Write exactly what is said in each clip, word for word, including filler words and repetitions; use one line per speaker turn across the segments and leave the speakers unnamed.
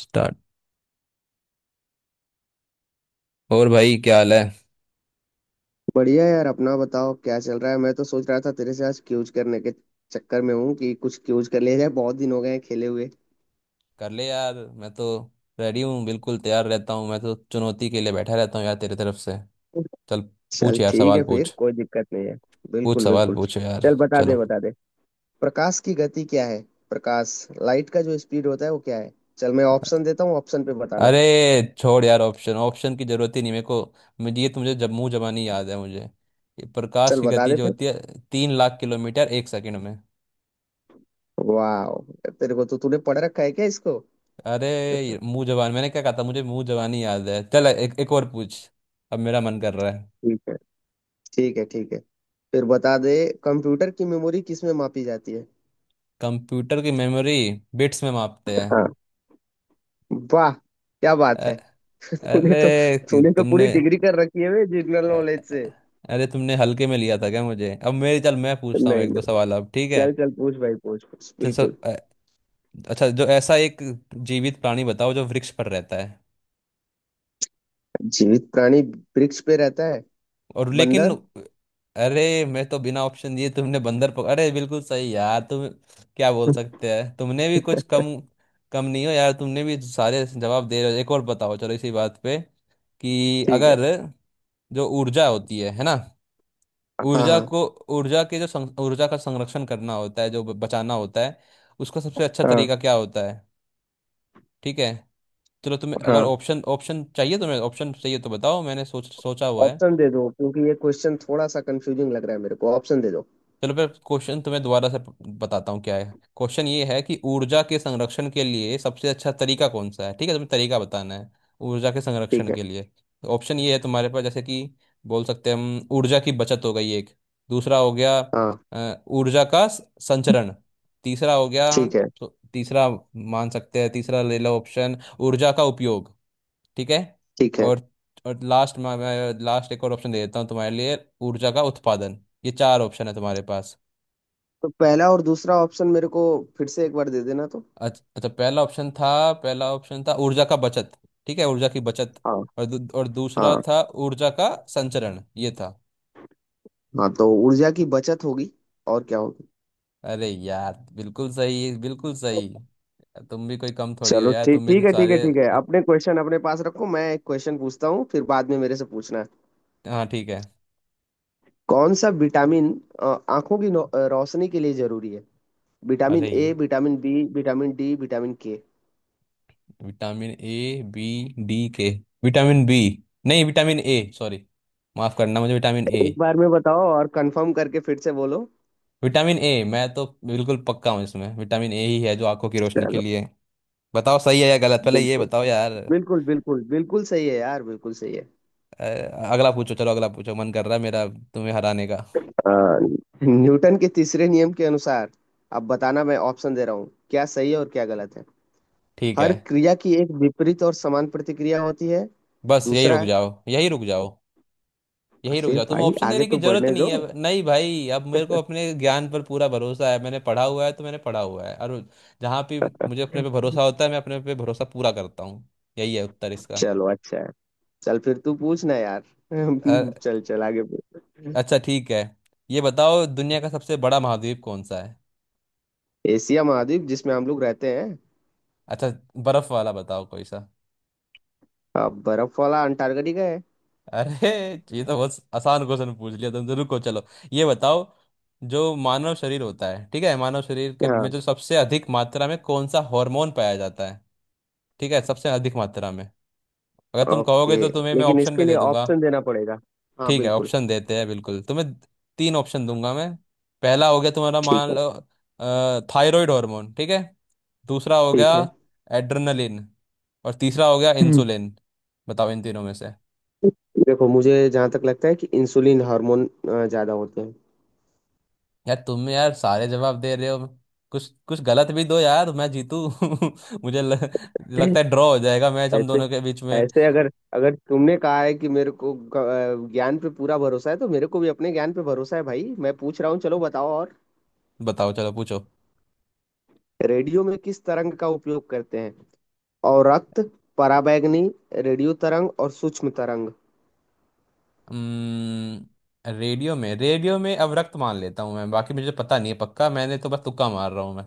Start. और भाई क्या हाल है?
बढ़िया यार। अपना बताओ, क्या चल रहा है। मैं तो सोच रहा था तेरे से आज क्यूज करने के चक्कर में हूँ कि कुछ क्यूज कर लिया जाए। बहुत दिन हो गए हैं खेले हुए।
कर ले यार, मैं तो रेडी हूँ, बिल्कुल तैयार रहता हूँ, मैं तो चुनौती के लिए बैठा रहता हूँ यार तेरी तरफ से। चल,
चल
पूछ यार
ठीक
सवाल
है, फिर
पूछ
कोई दिक्कत नहीं है।
पूछ
बिल्कुल
सवाल
बिल्कुल।
पूछ यार
चल बता दे,
चलो।
बता दे। प्रकाश की गति क्या है? प्रकाश, लाइट का जो स्पीड होता है वो क्या है? चल मैं ऑप्शन देता हूँ, ऑप्शन पे बताना।
अरे छोड़ यार, ऑप्शन ऑप्शन की जरूरत ही नहीं मेरे को। मुझे ये तो मुझे जब मुंह जबानी याद है मुझे। ये प्रकाश
चल
की
बता
गति
दे
जो
फिर।
होती है, तीन लाख किलोमीटर एक सेकंड में।
वाह, तेरे को तो तूने पढ़ रखा है क्या इसको?
अरे, ये मुंह जबान, मैंने क्या कहा था? मुझे मुंह जबानी याद है। चल एक एक और पूछ, अब मेरा मन कर रहा है।
ठीक है, ठीक है। ठीक है फिर बता दे। कंप्यूटर की मेमोरी किस में मापी जाती है?
कंप्यूटर की मेमोरी बिट्स में मापते हैं।
हाँ। वाह, क्या बात है। तूने
अरे
तो
कि
तूने तो पूरी
तुमने,
डिग्री कर रखी है बे जनरल नॉलेज से।
अरे तुमने हल्के में लिया था क्या मुझे? अब मेरी, चल मैं
नहीं
पूछता हूँ एक दो
नहीं,
सवाल अब, ठीक है।
चल चल पूछ भाई, पूछ पूछ
चल सर,
बिल्कुल।
अ, अच्छा, जो ऐसा एक जीवित प्राणी बताओ जो वृक्ष पर रहता है।
जीवित प्राणी वृक्ष पे रहता है?
और लेकिन,
बंदर।
अरे मैं तो बिना ऑप्शन दिए तुमने बंदर पक... अरे बिल्कुल सही यार तुम। क्या बोल सकते हैं, तुमने भी कुछ कम कम नहीं हो यार, तुमने भी सारे जवाब दे रहे हो। एक और बताओ चलो इसी बात पे, कि
ठीक है।
अगर जो ऊर्जा होती है है ना,
हाँ
ऊर्जा
हाँ।
को, ऊर्जा के जो सं- ऊर्जा का संरक्षण करना होता है, जो ब- बचाना होता है, उसका सबसे अच्छा
हाँ
तरीका क्या होता है? ठीक है चलो, तुम्हें अगर
हाँ।
ऑप्शन ऑप्शन चाहिए, तुम्हें ऑप्शन चाहिए तो बताओ, मैंने सोच सोचा हुआ है।
ऑप्शन दे दो क्योंकि ये क्वेश्चन थोड़ा सा कंफ्यूजिंग लग रहा है मेरे को, ऑप्शन दे दो।
चलो फिर क्वेश्चन तुम्हें दोबारा से प- बताता हूँ क्या है। क्वेश्चन ये है कि ऊर्जा के संरक्षण के लिए सबसे अच्छा तरीका कौन सा है, ठीक है, तुम्हें तरीका बताना है, ऊर्जा के
ठीक
संरक्षण
है।
के लिए। ऑप्शन ये है तुम्हारे पास, जैसे कि बोल सकते हैं, हम, ऊर्जा की बचत हो गई एक, दूसरा हो गया
हाँ।
अ, ऊर्जा का स- संचरण, तीसरा हो गया।
ठीक है
तो तीसरा मान सकते हैं, तीसरा ले लो ऑप्शन, ऊर्जा का उपयोग, ठीक है।
ठीक है।
और और लास्ट, मैं लास्ट एक और ऑप्शन दे देता हूँ तुम्हारे लिए, ऊर्जा का उत्पादन। ये चार ऑप्शन है तुम्हारे पास।
तो पहला और दूसरा ऑप्शन मेरे को फिर से एक बार दे देना तो।
अच्छा अच्छा, पहला ऑप्शन था, पहला ऑप्शन था ऊर्जा का बचत, ठीक है, ऊर्जा की बचत।
हाँ।
और दू, और दूसरा
हाँ।
था ऊर्जा का संचरण, ये था।
हाँ, तो ऊर्जा की बचत होगी और क्या होगी।
अरे यार बिल्कुल सही, बिल्कुल सही। तुम भी कोई कम थोड़ी हो
चलो
यार,
ठीक,
तुम भी तो
ठीक है ठीक है
सारे
ठीक है।
उत-
अपने क्वेश्चन अपने पास रखो, मैं एक क्वेश्चन पूछता हूँ फिर बाद में मेरे से पूछना।
हाँ ठीक है।
कौन सा विटामिन अ, आंखों की नौ- अ, रोशनी के लिए जरूरी है? विटामिन
अरे
ए,
ये
vitamin B, vitamin D, vitamin K.
Vitamin A, B, D, K. Vitamin B, नहीं विटामिन ए, सॉरी, माफ करना मुझे, विटामिन ए।
एक बार में बताओ और कंफर्म करके फिर से बोलो।
विटामिन ए, मैं तो बिल्कुल पक्का हूँ इसमें, विटामिन ए ही है जो आंखों की रोशनी के
चलो।
लिए। बताओ सही है या गलत, पहले ये
बिल्कुल,
बताओ यार।
बिल्कुल बिल्कुल बिल्कुल सही है यार, बिल्कुल सही है।
अ, अगला पूछो, चलो अगला पूछो, मन कर रहा है मेरा तुम्हें हराने का।
अ, न्यूटन के तीसरे नियम के अनुसार, अब बताना, मैं ऑप्शन दे रहा हूँ क्या सही है और क्या गलत है।
ठीक है,
हर क्रिया की एक विपरीत और समान प्रतिक्रिया होती है।
बस यही
दूसरा।
रुक जाओ, यही रुक जाओ, यही रुक
अरे
जाओ, तुम्हें
भाई
ऑप्शन
आगे
देने की
तो
जरूरत
बढ़ने
नहीं
दो।
है। नहीं भाई, अब मेरे को अपने ज्ञान पर पूरा भरोसा है, मैंने पढ़ा हुआ है तो मैंने पढ़ा हुआ है। और जहाँ पे मुझे अपने पे भरोसा होता है, मैं अपने पे भरोसा पूरा करता हूँ। यही है उत्तर इसका।
चलो अच्छा है। चल फिर तू पूछना यार।
अ,
चल चल आगे पूछ।
अच्छा ठीक है, ये बताओ, दुनिया का सबसे बड़ा महाद्वीप कौन सा है?
एशिया महाद्वीप जिसमें हम लोग रहते हैं।
अच्छा, बर्फ वाला बताओ कोई सा।
अ, बर्फ वाला अंटार्कटिका है।
अरे ये तो बहुत आसान क्वेश्चन पूछ लिया तुम जरूर को। चलो ये बताओ, जो मानव शरीर होता है ठीक है, मानव शरीर के में
हाँ।
जो सबसे अधिक मात्रा में कौन सा हार्मोन पाया जाता है? ठीक है, सबसे अधिक मात्रा में। अगर तुम कहोगे
ओके।
तो तुम्हें मैं
लेकिन
ऑप्शन भी
इसके
दे
लिए
दूंगा।
ऑप्शन देना पड़ेगा। हाँ
ठीक है,
बिल्कुल।
ऑप्शन देते हैं बिल्कुल तुम्हें, तीन ऑप्शन दूंगा मैं। पहला हो गया तुम्हारा,
ठीक
मान
है
लो, थायराइड हार्मोन, ठीक है। दूसरा हो गया,
ठीक है।
एड्रेनलिन। और तीसरा हो गया,
हम्म।
इंसुलिन। बताओ इन तीनों में से।
देखो, मुझे जहां तक लगता है कि इंसुलिन हार्मोन अ, ज्यादा होते हैं।
यार तुम यार, सारे जवाब दे रहे हो, कुछ कुछ गलत भी दो यार, मैं जीतू। मुझे ल, लगता है ड्रॉ हो जाएगा मैच हम
ऐसे,
दोनों के बीच में।
ऐसे अगर, अगर तुमने कहा है कि मेरे को ग- अ, ज्ञान पे पूरा भरोसा है, तो मेरे को भी अपने ज्ञान पे भरोसा है भाई। मैं पूछ रहा हूँ, चलो बताओ और।
बताओ, चलो पूछो।
रेडियो में किस तरंग का उपयोग करते हैं? औरक्त, पराबैंगनी, रेडियो तरंग और सूक्ष्म तरंग।
हम्म, रेडियो में, रेडियो में अब रक्त मान लेता हूँ मैं, बाकी मुझे पता नहीं है पक्का, मैंने तो बस तुक्का मार रहा हूँ मैं।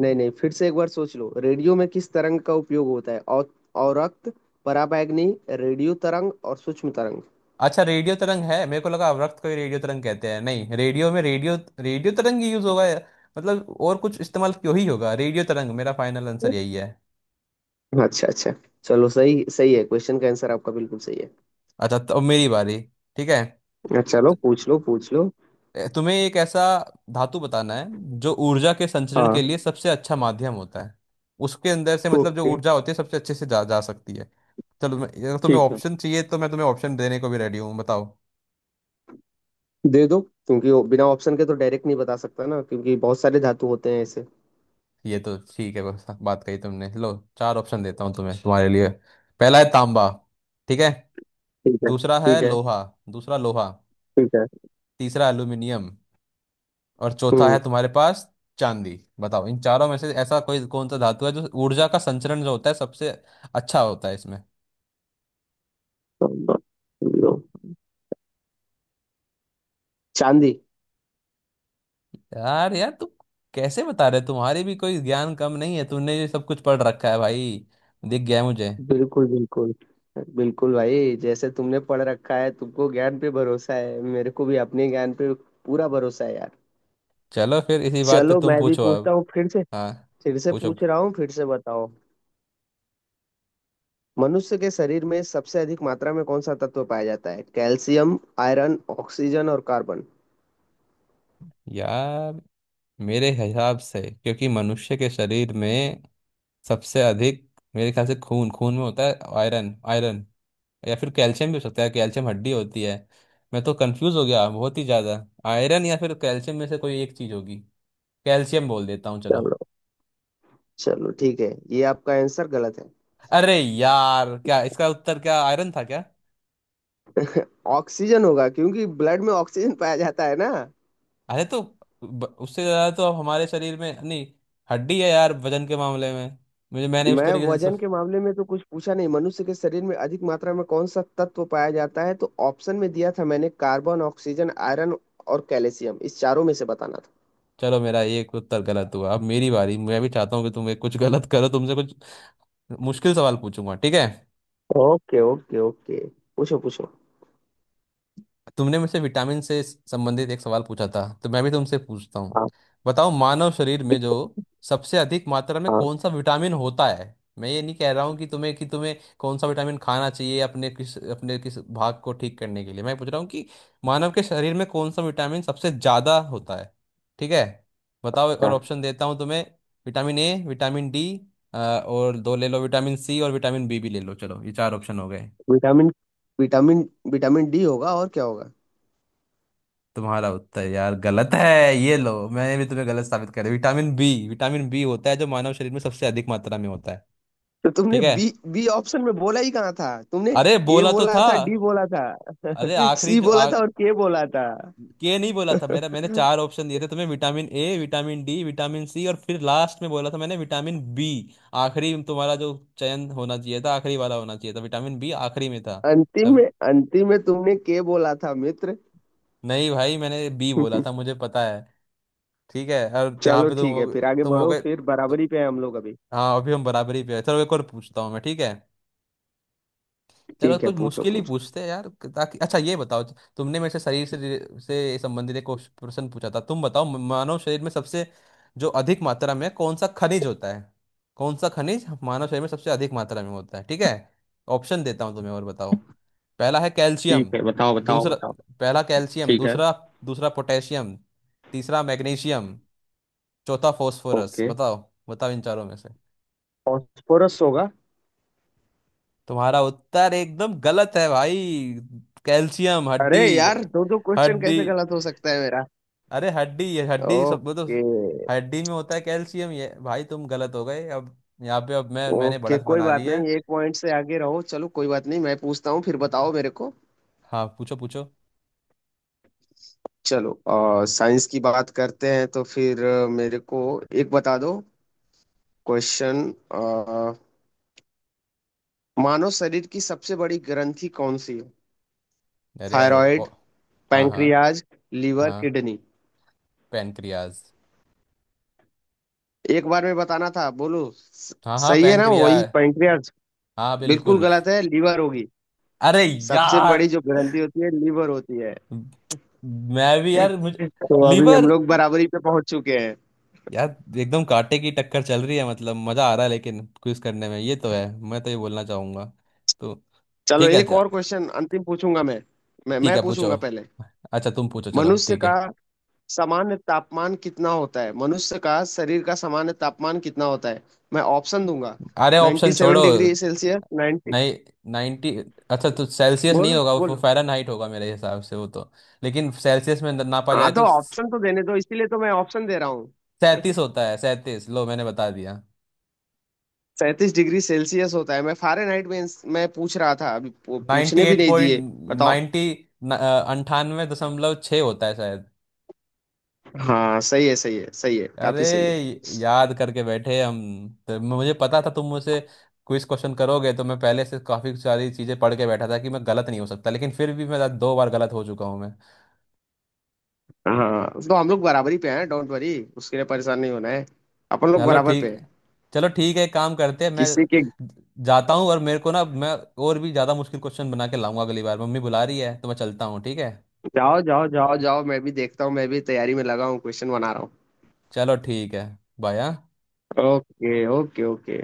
नहीं नहीं, फिर से एक बार सोच लो। रेडियो में किस तरंग का उपयोग होता है? औ- औरक्त, पराबैंगनी, रेडियो तरंग और सूक्ष्म तरंग।
अच्छा, रेडियो तरंग है, मेरे को लगा अवरक्त को ही रेडियो तरंग कहते हैं। नहीं रेडियो में, रेडियो रेडियो तरंग ही यूज होगा यार। मतलब और कुछ इस्तेमाल क्यों ही होगा, रेडियो तरंग मेरा फाइनल आंसर यही है।
अच्छा अच्छा। चलो, सही सही है। क्वेश्चन का आंसर आपका बिल्कुल सही है।
अच्छा तो अब मेरी बारी, ठीक है।
अच्छा, चलो पूछ लो पूछ लो।
ए, तुम्हें एक ऐसा धातु बताना है, जो ऊर्जा के संचरण
हाँ।
के लिए सबसे अच्छा माध्यम होता है। उसके अंदर से मतलब जो
ओके।
ऊर्जा होती है सबसे अच्छे से जा जा सकती है। चलो, मैं अगर तुम्हें
ठीक है।
ऑप्शन चाहिए तो मैं तुम्हें ऑप्शन देने को भी रेडी हूँ, बताओ।
दे दो क्योंकि वो बिना ऑप्शन के तो डायरेक्ट नहीं बता सकता ना, क्योंकि बहुत सारे धातु होते हैं ऐसे।
ये तो ठीक है, बस बात कही तुमने, लो चार ऑप्शन देता हूँ तुम्हें तुम्हारे लिए। पहला है तांबा, ठीक है।
ठीक है
दूसरा है
ठीक है
लोहा, दूसरा लोहा।
ठीक है।
तीसरा एल्यूमिनियम, और चौथा है तुम्हारे पास चांदी। बताओ इन चारों में से ऐसा कोई कौन सा धातु है, जो ऊर्जा का संचरण जो होता है सबसे अच्छा होता है इसमें।
हम्म। चांदी।
यार यार तू कैसे बता रहे, तुम्हारी भी कोई ज्ञान कम नहीं है, तुमने ये सब कुछ पढ़ रखा है भाई, दिख गया है मुझे।
बिल्कुल बिल्कुल। बिल्कुल भाई, जैसे तुमने पढ़ रखा है तुमको ज्ञान पे भरोसा है, मेरे को भी अपने ज्ञान पे पूरा भरोसा है यार।
चलो फिर इसी बात पे
चलो
तुम
मैं भी
पूछो
पूछता
अब।
हूँ फिर से।
हाँ
फिर से
पूछो।
पूछ रहा हूँ, फिर से बताओ। मनुष्य के शरीर में सबसे अधिक मात्रा में कौन सा तत्व पाया जाता है? कैल्शियम, आयरन, ऑक्सीजन और कार्बन।
यार मेरे हिसाब से, क्योंकि मनुष्य के शरीर में सबसे अधिक, मेरे ख्याल से खून, खून में होता है आयरन आयरन या फिर कैल्शियम भी हो सकता है, कैल्शियम हड्डी होती है। मैं तो कंफ्यूज हो गया बहुत ही ज्यादा, आयरन या फिर कैल्शियम में से कोई एक चीज होगी। कैल्शियम बोल देता हूँ चलो।
चलो। चलो ठीक है, ये आपका आंसर गलत है।
अरे यार, क्या इसका उत्तर क्या आयरन था क्या?
ऑक्सीजन होगा क्योंकि ब्लड में ऑक्सीजन पाया जाता है ना।
अरे तो ब- उससे ज्यादा तो अब हमारे शरीर में नहीं, हड्डी है यार वजन के मामले में। मुझे मैंने उस
मैं
तरीके से सो-
वजन के मामले में तो कुछ पूछा नहीं। मनुष्य के शरीर में अधिक मात्रा में कौन सा तत्व पाया जाता है? तो ऑप्शन में दिया था मैंने कार्बन, ऑक्सीजन, आयरन और कैल्शियम, इस चारों में से बताना
चलो मेरा ये एक उत्तर गलत हुआ, अब मेरी बारी, मैं भी चाहता हूँ कि तुम एक कुछ गलत करो, तुमसे कुछ मुश्किल सवाल पूछूंगा, ठीक है।
था। ओके ओके ओके, पूछो पूछो।
तुमने मुझसे विटामिन से संबंधित एक सवाल पूछा था, तो मैं भी तुमसे पूछता हूँ,
हाँ
बताओ, मानव शरीर में
ठीक
जो सबसे अधिक मात्रा में
है, हाँ
कौन सा विटामिन होता है। मैं ये नहीं कह रहा हूँ कि तुम्हें कि तुम्हें कौन सा विटामिन खाना चाहिए, अपने किस अपने किस भाग को ठीक करने के लिए। मैं पूछ रहा हूँ कि मानव के शरीर में कौन सा विटामिन सबसे ज़्यादा होता है, ठीक है। बताओ, और
अच्छा।
ऑप्शन देता हूँ तुम्हें, विटामिन ए, विटामिन डी, और दो ले लो विटामिन सी और विटामिन बी भी ले लो, चलो ये चार ऑप्शन हो गए।
विटामिन विटामिन विटामिन डी होगा और क्या होगा।
तुम्हारा उत्तर यार गलत है। ये लो, मैंने भी तुम्हें गलत साबित कर, विटामिन बी, विटामिन बी होता है जो मानव शरीर में सबसे अधिक मात्रा में होता है,
तो तुमने
ठीक है।
बी, बी ऑप्शन में बोला ही कहाँ था तुमने?
अरे
ए
बोला तो
बोला
था।
था, डी बोला था,
अरे आखिरी
सी
जो
बोला
आ,
था और के बोला था।
के नहीं बोला था मेरा, मैंने चार ऑप्शन दिए थे तुम्हें, vitamin A, vitamin D, vitamin C और फिर लास्ट में बोला था मैंने विटामिन बी। आखिरी तुम्हारा जो चयन होना चाहिए था, आखिरी वाला होना चाहिए था, विटामिन बी आखिरी में था।
अंतिम
तम,
में अंतिम में तुमने के बोला था मित्र।
नहीं भाई, मैंने बी बोला था, मुझे पता है। ठीक है, और यहाँ
चलो
पे तुम
ठीक है,
हो,
फिर आगे
तुम हो
बढ़ो,
गए
फिर
तो।
बराबरी पे है हम लोग अभी।
हाँ अभी हम बराबरी पे हैं। चलो एक और पूछता हूँ मैं, ठीक है। चलो
ठीक है
कुछ
पूछो
मुश्किल ही
पूछो।
पूछते हैं यार, ताकि, अच्छा ये बताओ, तुमने मेरे से शरीर से रि- से संबंधित एक प्रश्न पूछा था, तुम बताओ, म- मानव शरीर में सबसे जो अधिक मात्रा में कौन सा खनिज होता है। कौन सा खनिज मानव शरीर में सबसे अधिक मात्रा में होता है, ठीक है, ऑप्शन देता हूँ तुम्हें और बताओ। पहला है कैल्शियम,
ठीक है बताओ बताओ
दूसरा,
बताओ।
पहला कैल्शियम,
ठीक है।
दूसरा, दूसरा पोटेशियम, तीसरा मैग्नीशियम, चौथा फॉस्फोरस,
ओके।
बताओ, बताओ इन चारों में।
फॉस्फोरस होगा।
तुम्हारा उत्तर एकदम गलत है भाई, कैल्शियम, हड्डी,
अरे यार, दो दो क्वेश्चन
हड्डी।
कैसे गलत हो सकता है मेरा?
अरे हड्डी, ये हड्डी सब वो तो
ओके।
हड्डी में होता है कैल्शियम। ये भाई तुम गलत हो गए अब, यहाँ पे अब मैं, मैंने
ओके
बढ़त
कोई
बना ली
बात
है।
नहीं, एक पॉइंट से आगे रहो। चलो कोई बात नहीं, मैं पूछता हूँ फिर, बताओ मेरे को।
हाँ पूछो पूछो।
चलो आ, साइंस की बात करते हैं, तो फिर अ, मेरे को एक बता दो क्वेश्चन। मानव शरीर की सबसे बड़ी ग्रंथि कौन सी है?
अरे यार, ओ,
थायराइड,
हाँ हाँ,
पैंक्रियाज, लीवर,
हाँ
किडनी।
पैनक्रियाज।
एक बार में बताना था। बोलो स-
हाँ हाँ
सही है ना,
पैनक्रिया।
वही पैंक्रियाज?
हाँ
बिल्कुल
बिल्कुल।
गलत है, लीवर होगी।
अरे
सबसे
यार,
बड़ी जो ग्रंथि होती है लीवर होती है।
मैं भी यार, मुझे
तो अभी हम
लीवर।
लोग बराबरी पे पहुंच चुके हैं।
यार एकदम कांटे की टक्कर चल रही है, मतलब मजा आ रहा है लेकिन क्विज करने में, ये तो है, मैं तो ये बोलना चाहूंगा तो।
चलो
ठीक है
एक
अच्छा।
और क्वेश्चन अंतिम पूछूंगा मैं। मैं
ठीक
मैं
है पूछो।
पूछूंगा पहले।
अच्छा तुम पूछो, चलो
मनुष्य
ठीक
का
है।
सामान्य तापमान कितना होता है? मनुष्य का शरीर का सामान्य तापमान कितना होता है? मैं ऑप्शन दूंगा।
अरे ऑप्शन
नाइन्टी सेवन
छोड़ो।
डिग्री सेल्सियस, नाइन्टी,
नहीं, नाइन्टी, अच्छा तो सेल्सियस नहीं
बोलो
होगा, वो
बोलो।
फ़ारेनहाइट होगा मेरे हिसाब से वो तो, लेकिन सेल्सियस में नापा जाए
हाँ तो
तो
ऑप्शन तो देने दो, इसीलिए तो मैं ऑप्शन दे रहा हूँ।
सैंतीस होता है, सैंतीस, लो मैंने बता दिया।
सैंतीस डिग्री सेल्सियस होता है, मैं फारेनहाइट में मैं पूछ रहा था, अभी पू-
नाइन्टी
पूछने भी
एट
नहीं
पॉइंट,
दिए। बताओ।
नाइन्टी अंठानवे दशमलव छः होता है शायद।
हाँ सही है, सही है सही है,
अरे
काफी सही है।
याद करके बैठे हम तो, मुझे पता था तुम मुझसे क्विज क्वेश्चन करोगे तो मैं पहले से काफ़ी सारी चीज़ें पढ़ के बैठा था कि मैं गलत नहीं हो सकता, लेकिन फिर भी मैं दो बार गलत हो चुका हूँ मैं।
हाँ तो हम लोग बराबरी पे हैं, डोंट वरी। उसके लिए परेशान नहीं होना है, अपन लोग
चलो
बराबर पे
ठीक,
हैं।
चलो ठीक है, एक काम करते हैं, मैं
किसी के...
जाता हूँ, और मेरे को ना, मैं और भी ज़्यादा मुश्किल क्वेश्चन बना के लाऊंगा अगली बार, मम्मी बुला रही है तो मैं चलता हूँ, ठीक है।
जाओ जाओ जाओ जाओ, मैं भी देखता हूँ, मैं भी तैयारी में लगा हूँ, क्वेश्चन बना रहा हूँ।
चलो ठीक है, बाय।
Okay okay okay.